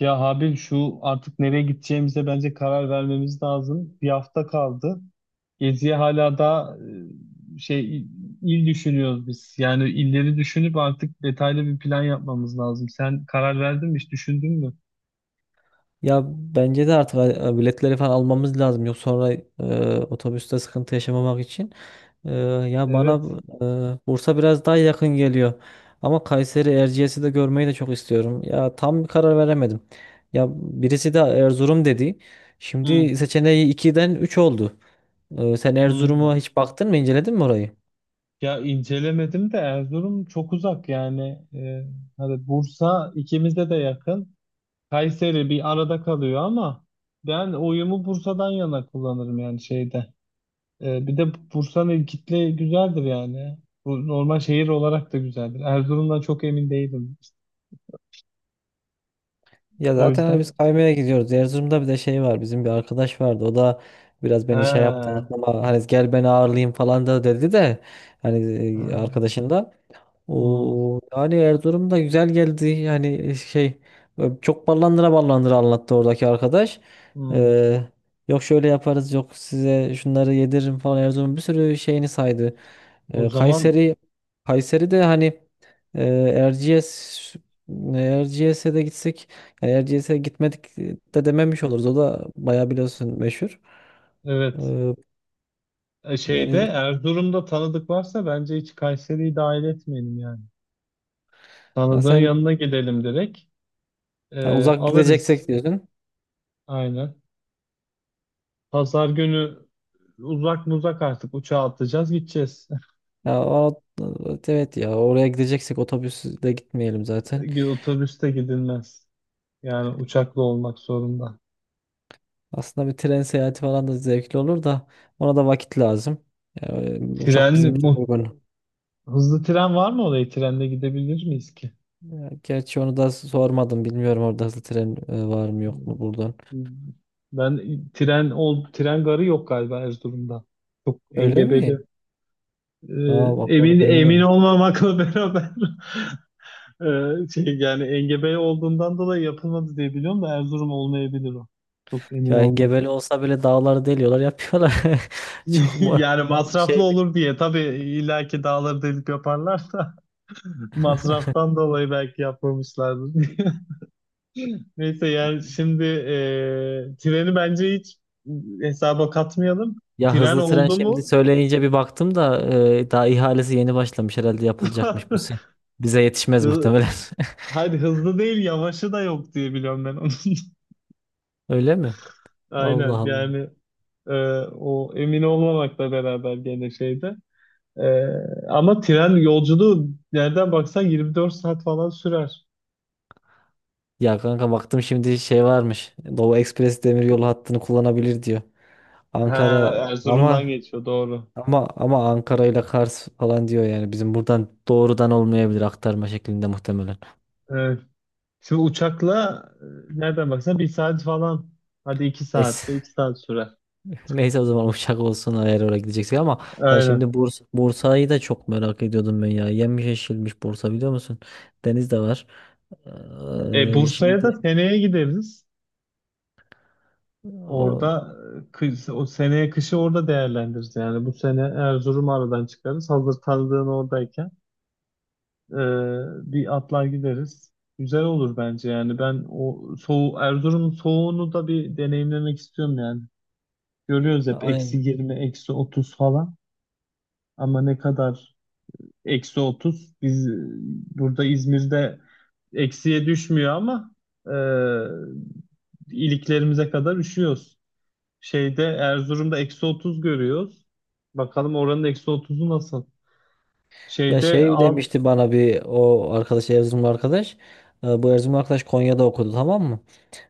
Ya Habil şu artık nereye gideceğimize bence karar vermemiz lazım. Bir hafta kaldı. Geziye hala da şey il düşünüyoruz biz. Yani illeri düşünüp artık detaylı bir plan yapmamız lazım. Sen karar verdin mi? Hiç düşündün mü? Ya bence de artık biletleri falan almamız lazım. Yok sonra otobüste sıkıntı yaşamamak için. E, Ya bana Evet. Bursa biraz daha yakın geliyor. Ama Kayseri Erciyes'i de görmeyi de çok istiyorum. Ya tam bir karar veremedim. Ya birisi de Erzurum dedi. Hı. Şimdi seçeneği iki'den 3 oldu. Sen Hı. Erzurum'a hiç baktın mı, inceledin mi orayı? Ya incelemedim de Erzurum çok uzak yani. Ee, hani Bursa ikimize de yakın. Kayseri bir arada kalıyor ama ben oyumu Bursa'dan yana kullanırım yani şeyde. Bir de Bursa'nın kitle güzeldir yani. Bu normal şehir olarak da güzeldir. Erzurum'dan çok emin değilim. Ya O zaten hani biz yüzden. kaymaya gidiyoruz. Erzurum'da bir de şey var. Bizim bir arkadaş vardı. O da biraz beni şey yaptı. Ha. Ama hani gel beni ağırlayayım falan da dedi de hani He. arkadaşın da. Hmm, O yani Erzurum da güzel geldi. Yani şey çok ballandıra ballandıra anlattı oradaki arkadaş. hmm. Ee, Yok şöyle yaparız yok size şunları yediririm falan Erzurum'un bir sürü şeyini saydı. O Ee, zaman Kayseri Kayseri de hani e, Erciyes Erciyes'e de gitsek yani Erciyes'e gitmedik de dememiş oluruz. O da bayağı biliyorsun meşhur. evet. Ee, Şeyde yani Erzurum'da tanıdık varsa bence hiç Kayseri'yi dahil etmeyelim yani. ha Tanıdığın sen yanına gidelim direkt. ha Ee, uzak alırız. gideceksek diyorsun. Aynen. Pazar günü uzak mı uzak artık uçağa atlayacağız gideceğiz. Ya o, evet evet ya oraya gideceksek otobüsle gitmeyelim zaten. Otobüste gidilmez. Yani uçakla olmak zorunda. Aslında bir tren seyahati falan da zevkli olur da ona da vakit lazım. Ya, uçak bizim Tren, için bu uygun. hızlı tren var mı oraya? Trenle gidebilir miyiz ki? Ya, gerçi onu da sormadım. Bilmiyorum orada hızlı tren var mı yok mu buradan. Ben tren garı yok galiba Erzurum'da. Çok Öyle engebeli. mi? Aa Ee, bak emin onu emin bilmiyorum. olmamakla beraber şey yani engebeli olduğundan dolayı yapılmadı diye biliyorum da Erzurum olmayabilir o. Çok emin Ya olmadım. engebeli olsa bile dağları deliyorlar yapıyorlar. Çok mu Yani masraflı şey bir- olur diye tabii illaki dağları delip yaparlar da masraftan dolayı belki yapmamışlardır. Neyse yani şimdi treni bence hiç hesaba katmayalım. ya Tren hızlı tren oldu şimdi mu? söyleyince bir baktım da daha ihalesi yeni başlamış herhalde yapılacakmış bu sene. Bize yetişmez Hı, muhtemelen. hadi hızlı değil yavaşı da yok diye biliyorum ben onun. Öyle mi? Allah Aynen Allah. yani e, o emin olmamakla beraber gene şeyde. E, ama tren yolculuğu nereden baksan 24 saat falan sürer. Ya kanka baktım şimdi şey varmış. Doğu Ekspres Demiryolu hattını kullanabilir diyor. Ha, Ankara ama Erzurum'dan geçiyor doğru. ama Ankara ile Kars falan diyor yani. Bizim buradan doğrudan olmayabilir aktarma şeklinde muhtemelen. Evet. Şimdi uçakla nereden baksan 1 saat falan. Hadi Neyse. 2 saat sürer. Neyse o zaman uçak olsun eğer oraya gideceksek ama ya Aynen. şimdi Bursa'yı da çok merak ediyordum ben ya. Yenmiş yeşilmiş Bursa biliyor musun? Deniz de var. Bursa'ya da Şimdi seneye gideriz. o Orada o seneye kışı orada değerlendiririz. Yani bu sene Erzurum'u aradan çıkarız. Hazır tanıdığın oradayken e, bir atlar gideriz. Güzel olur bence yani. Ben o soğu Erzurum'un soğuğunu da bir deneyimlemek istiyorum yani. Görüyoruz hep eksi aynen. 20, -30 falan. Ama ne kadar -30? Biz burada İzmir'de eksiye düşmüyor ama e, iliklerimize kadar üşüyoruz. Şeyde Erzurum'da -30 görüyoruz. Bakalım oranın -30'u nasıl? Ya Şeyde şey al... demişti bana bir o arkadaş Erzurumlu arkadaş. Bu Erzurumlu arkadaş Konya'da okudu tamam mı?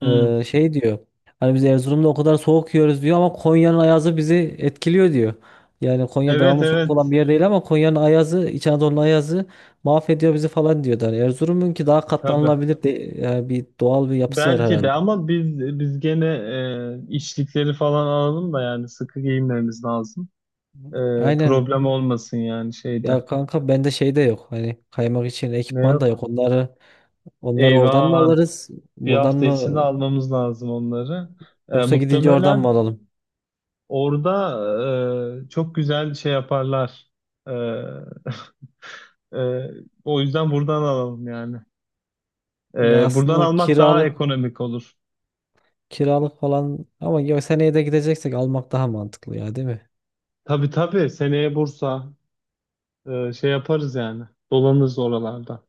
Hmm. Şey diyor. Hani biz Erzurum'da o kadar soğuk yiyoruz diyor ama Konya'nın ayazı bizi etkiliyor diyor. Yani Konya Evet devamlı soğuk olan evet bir yer değil ama Konya'nın ayazı, İç Anadolu'nun ayazı mahvediyor bizi falan diyordu. Hani Erzurum'un ki daha tabii. katlanılabilir de, yani bir doğal bir yapısı var Belki herhalde. de ama biz gene içlikleri falan alalım da yani sıkı giyinmemiz lazım. E, Aynen. problem olmasın yani şeyde. Ya kanka bende şey de yok. Hani kaymak için Ne ekipman da yok. yok? Onları oradan mı Eyvah alırız? bir Buradan hafta içinde mı almamız lazım onları. E, yoksa gidince oradan mı muhtemelen alalım? orada çok güzel şey yaparlar. E, Ee, o yüzden buradan alalım yani. Ya Buradan aslında almak daha kiralık ekonomik olur. kiralık falan ama ya seneye de gideceksek almak daha mantıklı ya değil mi? Tabii tabii seneye Bursa şey yaparız yani. Dolanırız oralarda.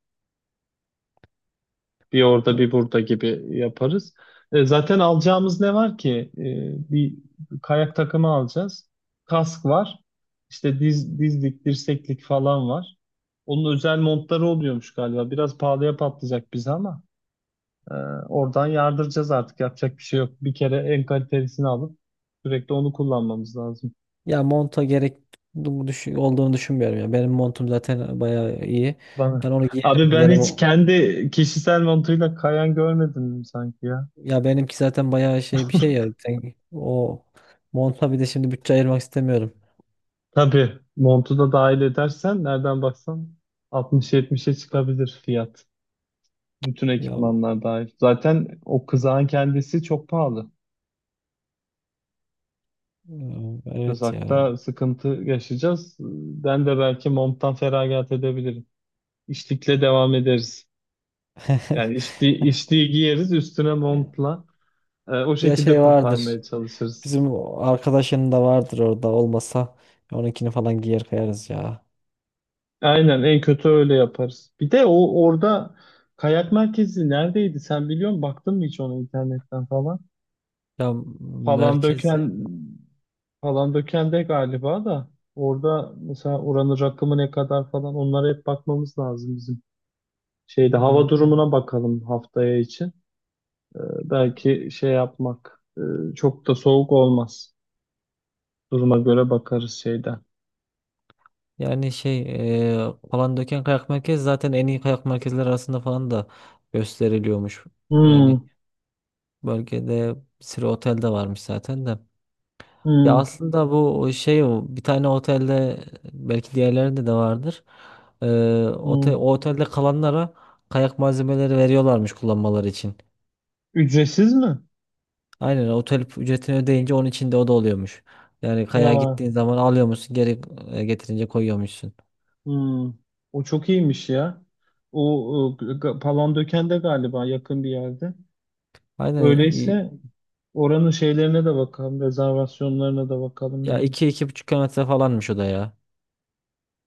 Bir orada bir burada gibi yaparız. Zaten alacağımız ne var ki? Bir kayak takımı alacağız. Kask var. İşte dizlik, dirseklik falan var. Onun özel montları oluyormuş galiba. Biraz pahalıya patlayacak bize ama. Ee, oradan yardıracağız artık. Yapacak bir şey yok. Bir kere en kalitelisini alıp sürekli onu kullanmamız lazım. Ya monta olduğunu düşünmüyorum ya. Benim montum zaten bayağı iyi. Ben Bana. onu Abi giyerim. ben hiç kendi kişisel montuyla kayan görmedim sanki ya. Ya benimki zaten bayağı şey bir şey ya. O monta bir de şimdi bütçe ayırmak istemiyorum. Tabii montu da dahil edersen nereden baksan 60-70'e çıkabilir fiyat. Bütün Ya ekipmanlar dahil. Zaten o kızağın kendisi çok pahalı. e, evet ya. Kızakta sıkıntı yaşayacağız. Ben de belki monttan feragat edebilirim. İşlikle devam ederiz. Yani içtiği giyeriz üstüne montla. Ee, o Ya şekilde şey vardır. kurtarmaya çalışırız. Bizim o arkadaşının da vardır orada olmasa onunkini falan giyer kayarız ya. Aynen en kötü öyle yaparız. Bir de o orada kayak merkezi neredeydi sen biliyor musun? Baktın mı hiç onu internetten falan? Ya Falan merkezde döken falan döken de galiba da orada mesela oranın rakımı ne kadar falan onlara hep bakmamız lazım bizim. Şeyde hmm, hava durumuna bakalım haftaya için. Belki şey yapmak çok da soğuk olmaz. Duruma göre bakarız şeyden. yani Palandöken Kayak Merkezi zaten en iyi kayak merkezleri arasında falan da gösteriliyormuş. Yani Hmm. bölgede bir sürü otel de varmış zaten de. Ya Hmm, aslında bu şey o, bir tane otelde belki diğerlerinde de vardır. E, hmm. O otelde kalanlara kayak malzemeleri veriyorlarmış kullanmaları için. Ücretsiz mi? Aynen otel ücretini ödeyince onun içinde o da oluyormuş. Yani kayağa Aa, gittiğin zaman alıyormuşsun geri getirince koyuyormuşsun. hmm. O çok iyiymiş ya. O, Palandöken'de galiba yakın bir yerde. Aynen i- Öyleyse oranın şeylerine de bakalım, rezervasyonlarına da bakalım Ya yani. iki 2,5 km falanmış o da ya.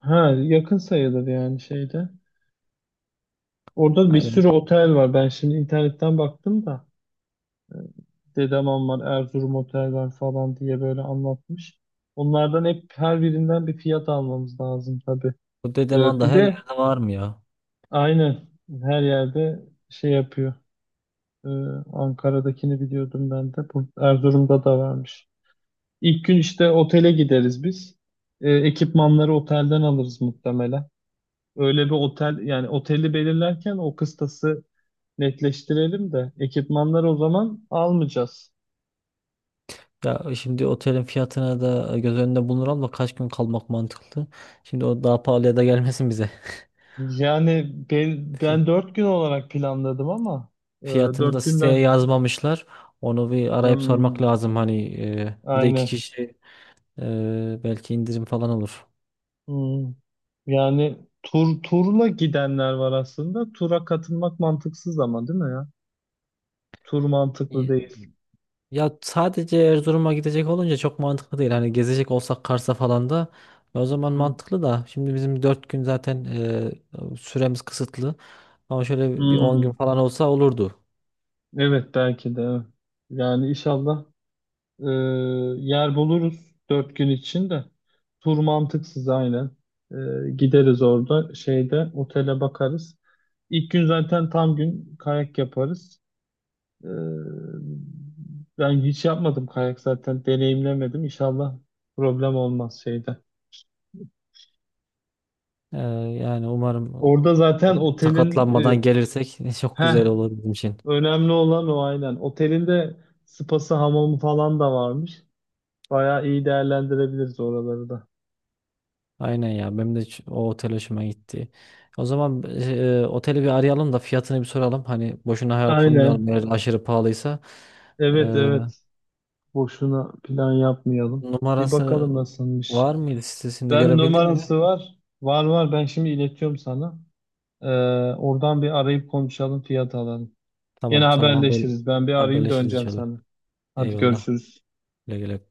Ha, yakın sayılır yani şeyde. Orada bir Aynen sürü otel var. Ben şimdi internetten baktım da e, Dedem var, Erzurum Otel var falan diye böyle anlatmış. Onlardan hep her birinden bir fiyat almamız lazım tabii. bu E, Dedeman da bir her de yerde var mı ya? Aynen. Her yerde şey yapıyor. Ee, Ankara'dakini biliyordum ben de. Bu Erzurum'da da varmış. İlk gün işte otele gideriz biz. Ekipmanları otelden alırız muhtemelen. Öyle bir otel yani oteli belirlerken o kıstası netleştirelim de ekipmanları o zaman almayacağız. Ya şimdi otelin fiyatına da göz önünde bulunur da kaç gün kalmak mantıklı. Şimdi o daha pahalıya da gelmesin bize. Yani ben, Fi- ben 4 gün olarak planladım ama e, Fiyatını da dört siteye günden yazmamışlar. Onu bir arayıp sormak hmm, lazım hani bir de iki aynen. kişi belki indirim falan olur. Hmm. Yani turla gidenler var aslında. Tura katılmak mantıksız ama değil mi ya? Tur mantıklı değil. Ya sadece Erzurum'a gidecek olunca çok mantıklı değil. Hani gezecek olsak Kars'a falan da o zaman Hmm. mantıklı da. Şimdi bizim 4 gün zaten süremiz kısıtlı. Ama şöyle bir 10 gün Hmm. falan olsa olurdu. Evet belki de. Evet. Yani inşallah e, yer buluruz 4 gün için de. Tur mantıksız aynen. E, gideriz orada şeyde otele bakarız. İlk gün zaten tam gün kayak yaparız. E, ben hiç yapmadım kayak zaten deneyimlemedim. İnşallah problem olmaz şeyde. E, Yani umarım Orada zaten otelin sakatlanmadan e, gelirsek çok heh, güzel olur bizim için. önemli olan o, aynen. Otelin de spası, hamamı falan da varmış. Bayağı iyi değerlendirebiliriz oraları da. Aynen ya benim de o otel hoşuma gitti. O zaman oteli bir arayalım da fiyatını bir soralım. Hani boşuna hayal Aynen. kurmayalım eğer aşırı pahalıysa. E, Evet evet. Boşuna plan yapmayalım. Bir Numarası bakalım nasılmış. var mıydı sitesinde Ben görebildin mi? numarası var. Var var. Ben şimdi iletiyorum sana. Ee, oradan bir arayıp konuşalım, fiyat alalım. Gene Tamam tamam haberleşiriz. Ben bir arayayım haberleşiriz döneceğim inşallah. sana. Hadi Eyvallah. görüşürüz. Güle güle.